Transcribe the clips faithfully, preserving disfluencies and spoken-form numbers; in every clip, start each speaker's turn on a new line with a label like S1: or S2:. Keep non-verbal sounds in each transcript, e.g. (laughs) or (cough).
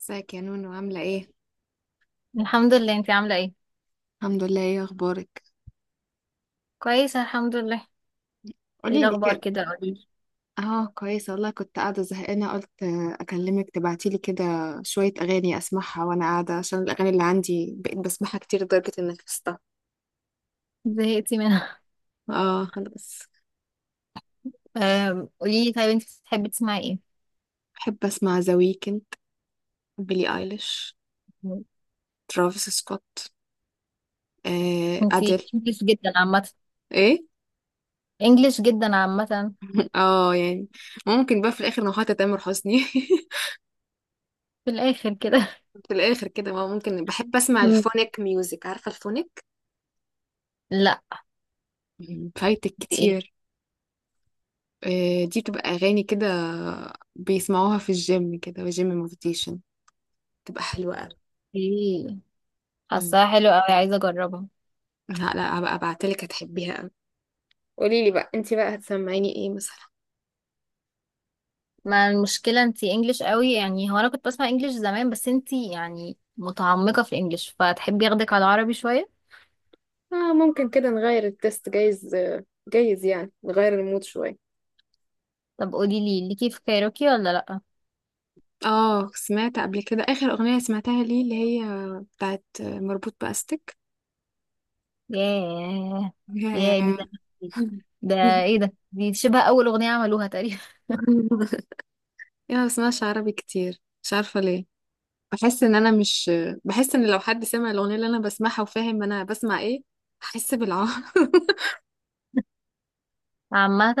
S1: ازيك يا نونو، عاملة ايه؟
S2: الحمد لله، انتي عاملة ايه؟
S1: الحمد لله، ايه اخبارك؟
S2: كويسة الحمد لله. ايه
S1: قولي لي
S2: الأخبار
S1: كده.
S2: كده قوليلي؟
S1: اه كويسة والله، كنت قاعدة زهقانة، قلت اكلمك تبعتي لي كده شوية اغاني اسمعها وانا قاعدة، عشان الاغاني اللي عندي بقيت بسمعها كتير لدرجة انك حفظتها.
S2: زهقتي منها؟
S1: اه انا بس.
S2: (laughs) آم، قوليلي، طيب انتي بتحبي تسمعي ايه؟
S1: بحب اسمع ذا ويكند، بيلي ايليش، ترافيس سكوت، آه
S2: انتي
S1: اديل.
S2: انجلش جدا عامة.
S1: ايه؟
S2: انجلش جدا عامة.
S1: (laughs) اه يعني، ممكن بقى في الاخر نوحة تامر حسني. (laughs)
S2: في الآخر كده؟
S1: في الاخر كده ما ممكن، بحب اسمع
S2: مم.
S1: الفونيك ميوزك، عارفة الفونيك؟
S2: لا.
S1: مم، فايتك
S2: ايه.
S1: كتير. آه، دي بتبقى أغاني كده بيسمعوها في الجيم كده، وجيم موتيفيشن، بتبقى حلوة أوي.
S2: ايه،
S1: مم.
S2: حاساها حلوة اوي، عايزة اجربها.
S1: لا لا، هبقى ابعتلك هتحبيها أوي. قولي لي بقى انتي بقى هتسمعيني ايه مثلا؟
S2: ما المشكلة انتي انجلش قوي، يعني هو انا كنت بسمع انجلش زمان، بس انتي يعني متعمقة في الانجلش، فتحبي ياخدك على العربي شوية.
S1: آه ممكن كده نغير التست، جايز آه، جايز يعني نغير المود شوية.
S2: طب قوليلي ليكي في كايروكي ولا لأ؟
S1: اه سمعت قبل كده آخر أغنية سمعتها ليه، اللي هي بتاعت مربوط بأستك.
S2: ياه. ياه دي
S1: (laughs)
S2: زمان. ده ايه ده، دي شبه اول اغنية عملوها تقريبا.
S1: يا ما بسمعش عربي كتير، مش عارفة ليه. بحس ان انا مش، بحس ان لو حد سمع الاغنيه اللي انا بسمعها وفاهم انا بسمع ايه هحس بالعار. (laughs)
S2: (laughs) عامة،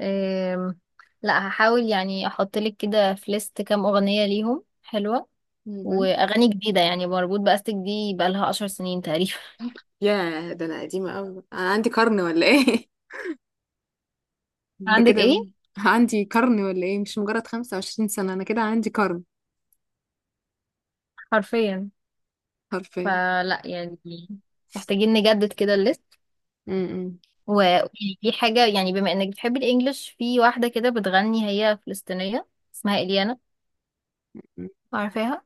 S2: آم، لا هحاول يعني احط لك كده في ليست كام اغنية ليهم حلوة
S1: مهم.
S2: واغاني جديدة. يعني مربوط باستك دي بقالها عشر سنين تقريبا.
S1: يا ده انا قديمه قوي، انا عندي قرن ولا ايه؟
S2: (laughs)
S1: (laughs) ده
S2: عندك
S1: كده.
S2: ايه؟
S1: عندي قرن ولا ايه؟ مش مجرد خمسة وعشرين سنه، انا كده عندي قرن.
S2: حرفيا.
S1: حرفيا.
S2: فلا يعني محتاجين نجدد كده الليست.
S1: م-
S2: وفي حاجة، يعني بما انك بتحبي الانجليش، في واحدة كده بتغني هي فلسطينية اسمها اليانا،
S1: م.
S2: عارفاها؟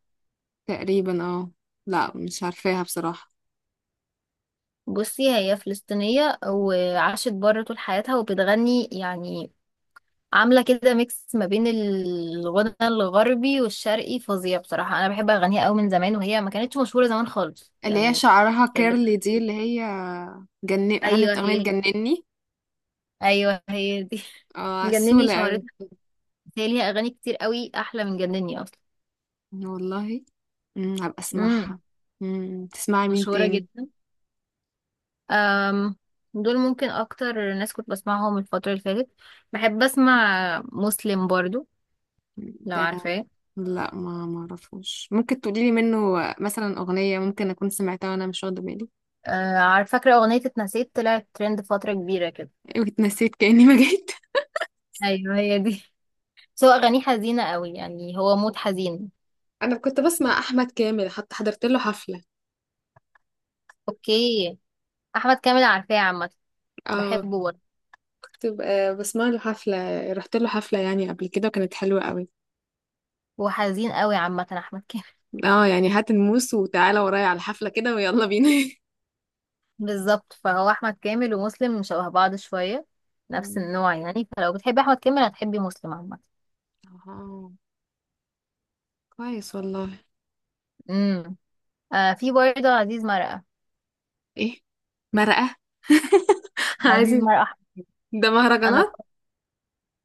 S1: تقريبا اه. لا مش عارفاها بصراحه.
S2: بصي هي فلسطينية وعاشت بره طول حياتها، وبتغني يعني عاملة كده ميكس ما بين الغنى الغربي والشرقي فظيع. بصراحة أنا بحب أغانيها أوي من زمان، وهي ما كانتش مشهورة زمان خالص
S1: اللي هي
S2: يعني.
S1: شعرها
S2: كانت بت...
S1: كيرلي، دي اللي هي جن...
S2: أيوه
S1: غنت اغنيه
S2: هي دي.
S1: جنني.
S2: أيوه هي دي. (laughs)
S1: اه
S2: جنني
S1: عسوله.
S2: شهرتها، بس هي ليها أغاني كتير أوي أحلى من جنني أصلا.
S1: والله. امم هبقى
S2: امم.
S1: اسمعها. امم تسمعي مين
S2: مشهورة
S1: تاني؟
S2: جدا. أم... دول ممكن أكتر ناس كنت بسمعهم الفترة اللي فاتت. بحب أسمع مسلم برضو، لو
S1: ده؟
S2: عارفاه.
S1: لا، ما ما اعرفوش، ممكن تقولي لي منه مثلا اغنيه ممكن اكون سمعتها وانا مش واخده بالي.
S2: أه... عارف- فاكرة أغنية اتنسيت؟ طلعت ترند فترة كبيرة كده.
S1: (laughs) واتنسيت كاني ما جيت.
S2: أيوه هي دي. بس هو أغانيه حزينة قوي، يعني هو مود حزين.
S1: (laughs) انا كنت بسمع احمد كامل، حتى حضرت له حفله.
S2: أوكي. أحمد كامل عارفاه عامة،
S1: اه
S2: بحبه برضه.
S1: كنت ب- بسمع له حفله، رحت له حفله يعني قبل كده وكانت حلوه قوي.
S2: هو حزين قوي عامة أحمد كامل.
S1: اه يعني هات الموس وتعالى ورايا على الحفله كده ويلا بينا. (laughs)
S2: (laughs) بالظبط، فهو أحمد كامل ومسلم شبه بعض شوية، نفس
S1: مم.
S2: النوع. يعني فلو بتحبي أحمد كامل هتحبي مسلم عامة.
S1: اه كويس والله.
S2: امم. آه، في برضه عزيز مرقة.
S1: ايه مرقه؟ (laughs)
S2: عزيز
S1: عايزين.
S2: مرقة أحمد،
S1: ده
S2: أنا ب...
S1: مهرجانات.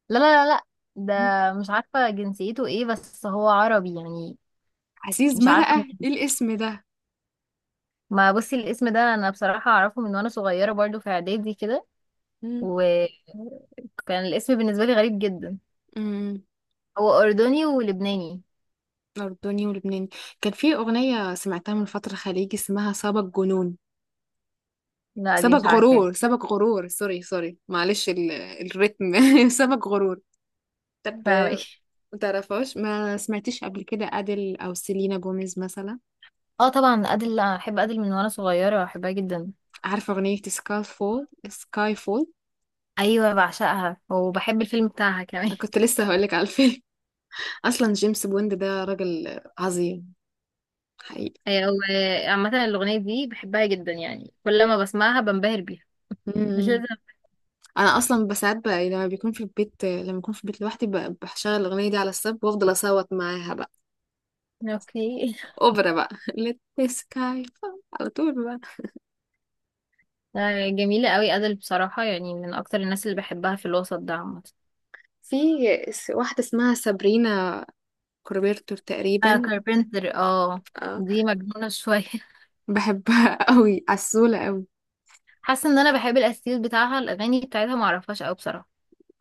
S2: لا لا لا لا ده
S1: مم.
S2: مش عارفة جنسيته إيه، بس هو عربي يعني.
S1: عزيز
S2: مش عارفة. (laughs)
S1: مرقة، ايه الاسم ده؟
S2: ما بصي الاسم ده أنا بصراحة أعرفه من وأنا صغيرة، برضه في إعدادي كده.
S1: مم.
S2: وكان الاسم بالنسبة لي غريب جدا.
S1: امم.
S2: هو أردني ولبناني.
S1: أردني ولبناني. كان في أغنية سمعتها من فترة خليجي، اسمها سبق جنون،
S2: لا دي مش
S1: سبق
S2: عارفاه.
S1: غرور، سبق غرور، سوري سوري، معلش ال... الريتم. (laughs) سبق غرور. طب،
S2: فاهمة. (laughs) ايه؟
S1: ما تعرفهاش؟ ما سمعتيش قبل كده أديل أو سيلينا جوميز مثلا؟
S2: اه طبعا أدل، لا أحب أدل من وأنا صغيرة، بحبها جدا.
S1: عارفة أغنية سكاي فول؟ سكاي فول،
S2: أيوة بعشقها، وبحب الفيلم بتاعها كمان.
S1: كنت لسه هقولك على الفيلم. (laughs) أصلا جيمس بوند ده راجل عظيم.
S2: (laughs) أيوة، وعامة الأغنية دي بحبها جدا، يعني كل ما بسمعها بنبهر بيها. مش
S1: حقيقي.
S2: لازم.
S1: انا اصلا بساعات بقى لما بيكون في البيت، لما بكون في البيت لوحدي ب- بشغل الاغنيه دي على السب وافضل اصوت معاها بقى،
S2: اوكي.
S1: اوبرا بقى. (laughs) let the sky fall على طول بقى.
S2: (laughs) آه، جميلة قوي أدل بصراحة، يعني من أكتر الناس اللي بحبها في الوسط ده عامة.
S1: في س- واحده اسمها سابرينا كوربيرتور
S2: آه
S1: تقريبا.
S2: كاربنتر، اه.
S1: آه،
S2: دي مجنونة شوية. (laughs)
S1: بحبها (laughs) قوي، عسوله قوي.
S2: حاسه ان انا بحب الاستيل بتاعها، الاغاني بتاعتها ما اعرفهاش قوي بصراحه.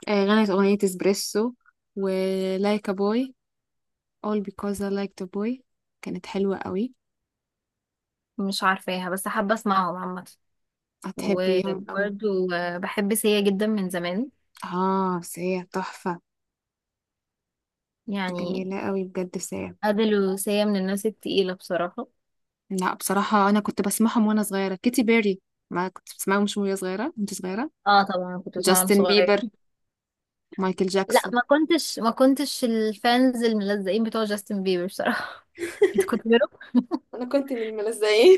S1: آه، غنت اغنيه اسبريسو، و like a boy, all because I liked a boy، كانت حلوه قوي.
S2: مش عارفاها بس حابه اسمعهم عامه.
S1: هتحبيهم قوي.
S2: وبرضو آه، بحب سيا جدا من زمان
S1: اه سيا تحفه.
S2: يعني.
S1: جميله قوي بجد سيا.
S2: ادل وسيا من الناس التقيله بصراحه.
S1: لا، بصراحة أنا كنت بسمعهم وأنا صغيرة، كيتي بيري، ما كنت بسمعهم مش وهي صغيرة، كنت صغيرة.
S2: اه طبعا كنت بسمعها وانا
S1: جاستن
S2: صغير.
S1: بيبر، مايكل
S2: لا
S1: جاكسون.
S2: ما كنتش، ما كنتش الفانز الملزقين بتوع جاستن بيبر بصراحه. (laughs) انت
S1: (laughs)
S2: كنت بيرو،
S1: انا كنت من الملزقين.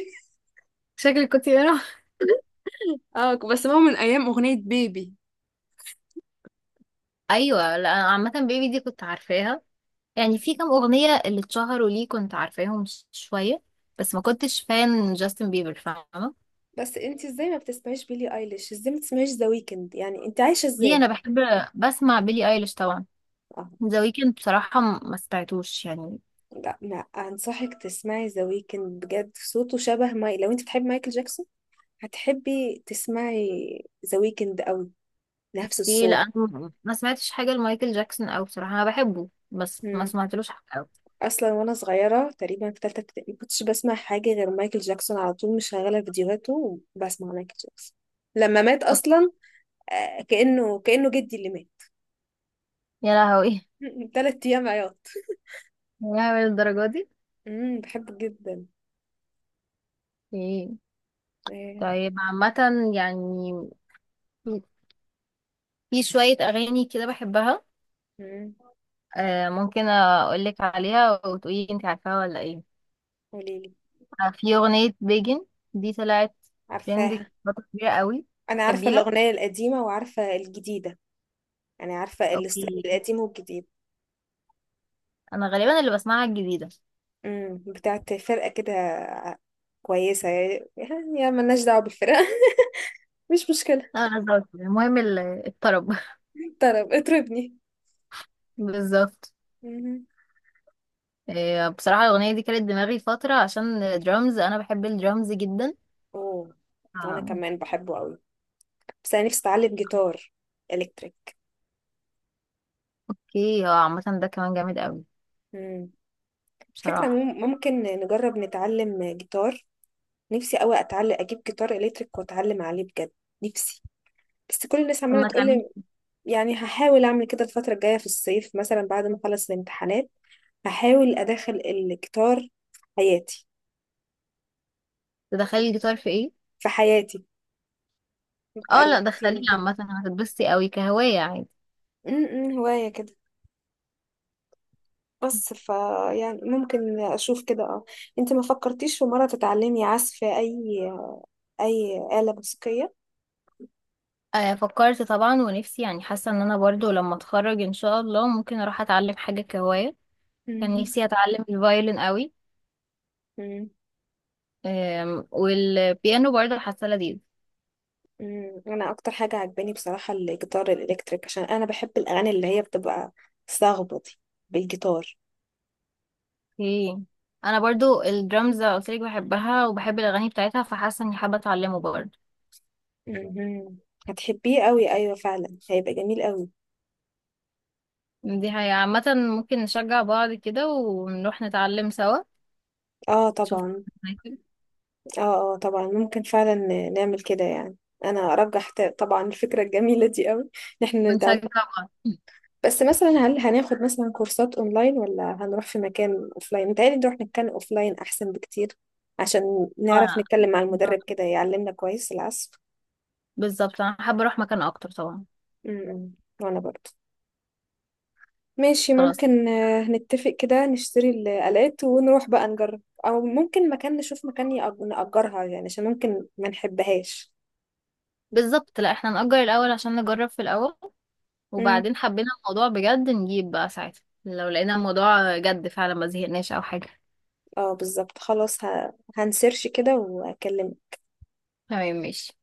S2: شكلك كنت بيرو.
S1: (laughs) اه كنت بسمعهم من أيام أغنية بيبي.
S2: ايوه، لا أنا عامه بيبي دي كنت عارفاها،
S1: مم.
S2: يعني في كام اغنيه اللي اتشهروا ليه كنت عارفاهم ش- شويه، بس ما كنتش فان جاستن بيبر، فاهمه؟
S1: بس انت ازاي ما بتسمعيش بيلي ايليش؟ ازاي ما بتسمعيش ذا ويكند؟ يعني انت عايشه
S2: ليه؟
S1: ازاي؟
S2: انا بحب بسمع بيلي ايليش طبعا.
S1: اه
S2: ذا ويكند بصراحه م- ما سمعتوش يعني.
S1: لا، ما انصحك تسمعي ذا ويكند بجد، صوته شبه ماي، لو انت بتحبي مايكل جاكسون هتحبي تسمعي ذا ويكند قوي. نفس
S2: ايه، لا
S1: الصوت.
S2: انا ما سمعتش حاجه لمايكل جاكسون. او بصراحه انا بحبه بس ما
S1: مم.
S2: سمعتلوش حاجه أوي.
S1: اصلا وانا صغيره تقريبا في ثالثه ابتدائي ما كنتش بسمع حاجه غير مايكل جاكسون، على طول مشغله فيديوهاته وبسمع مايكل جاكسون. لما مات
S2: أوك.
S1: اصلا آه، كانه كانه جدي اللي مات.
S2: يا لهوي. (laughs)
S1: (laughs) ثلاث ايام عياط.
S2: يا لهوي الدرجه دي.
S1: امم بحبه جدا.
S2: ايه.
S1: آه،
S2: طيب عامه، يعني في في شويه اغاني كده بحبها.
S1: امم
S2: آه ممكن اقول لك عليها وتقولي انت عارفاها ولا ايه.
S1: قوليلي،
S2: آه، في اغنيه بيجن، دي طلعت ترند
S1: عارفاها؟
S2: فتره كبيره قوي.
S1: انا عارفه
S2: بتحبيها؟
S1: الاغنيه القديمه وعارفه الجديده. انا عارفه الستايل
S2: اوكي.
S1: القديم والجديد.
S2: انا غالبا اللي بسمعها الجديده.
S1: امم بتاعت فرقه كده، كويسه يعني، يعني ملناش دعوه بالفرقه. (laughs) مش مشكله.
S2: لا بالظبط، المهم ال- الطرب.
S1: طرب اطربني.
S2: (laughs) بالظبط.
S1: مم.
S2: إيه، بصراحة الأغنية دي كانت دماغي فترة عشان درامز، أنا بحب الدرامز جدا.
S1: اوه. وانا
S2: آه.
S1: كمان بحبه قوي، بس انا نفسي اتعلم جيتار الكتريك.
S2: اوكي، اه عامة ده كمان جامد قوي
S1: امم فكرة،
S2: بصراحة.
S1: مم- ممكن نجرب نتعلم جيتار. نفسي قوي اتعلم، اجيب جيتار الكتريك واتعلم عليه بجد. نفسي. بس كل الناس عمالة
S2: لما تعملي
S1: تقولي، يعني هحاول اعمل كده الفترة الجاية في الصيف مثلا بعد ما اخلص الامتحانات. هحاول ادخل الجيتار في حياتي.
S2: تدخلي الجيتار في ايه؟
S1: في حياتي، يبقى
S2: اه لا دخليه
S1: روتين كده.
S2: عامة، هتتبسطي قوي كهواية عادي.
S1: امم هواية كده، بس ف يعني ممكن اشوف كده اه. انت ما فكرتيش في مرة تتعلمي عزف اي أي آلة موسيقية؟
S2: آه فكرت طبعا، ونفسي يعني، حاسة ان انا برضو لما اتخرج ان شاء الله ممكن اروح اتعلم حاجة كهواية. كان
S1: مم.
S2: نفسي اتعلم الفايولين قوي.
S1: مم.
S2: آم، والبيانو برضو حاسة لذيذ.
S1: مم. أنا أكتر حاجة عجباني بصراحة الجيتار الإلكتريك، عشان أنا بحب الأغاني اللي هي بتبقى صاخبة دي بالجيتار.
S2: اوكي، انا برضو الدرامز قلت لك بحبها وبحب الاغاني بتاعتها، فحاسه اني حابه اتعلمه برضو.
S1: مم. هتحبيه قوي، أيوة فعلا هيبقى جميل قوي.
S2: دي هي عامه، ممكن نشجع بعض كده ونروح نتعلم سوا.
S1: اه
S2: شوف.
S1: طبعا.
S2: (laughs)
S1: اه اه طبعا، ممكن فعلا نعمل كده يعني. أنا أرجح ت- طبعا الفكرة الجميلة دي قوي إن احنا نتعلم.
S2: ونشجع بعض.
S1: بس مثلا هل هناخد مثلا كورسات اونلاين ولا هنروح في مكان اوفلاين؟ متهيألي نروح نتكلم اوفلاين احسن بكتير، عشان نعرف
S2: آه،
S1: نتكلم مع المدرب كده يعلمنا كويس العزف.
S2: بالظبط انا حابه اروح مكان اكتر طبعا.
S1: امم. وانا برضو ماشي،
S2: خلاص،
S1: ممكن آه، نتفق كده نشتري الآلات ونروح بقى نجرب، او ممكن مكان، نشوف مكان يأج- نأجرها يعني، عشان ممكن ما نحبهاش.
S2: بالظبط، لا احنا نأجر الاول عشان نجرب في الاول،
S1: امم.
S2: وبعدين حبينا الموضوع بجد نجيب بقى ساعتها، لو لقينا الموضوع جد فعلا ما زهقناش او حاجه.
S1: اه بالظبط، خلاص ه... هنسيرش كده واكلمك.
S2: تمام ماشي.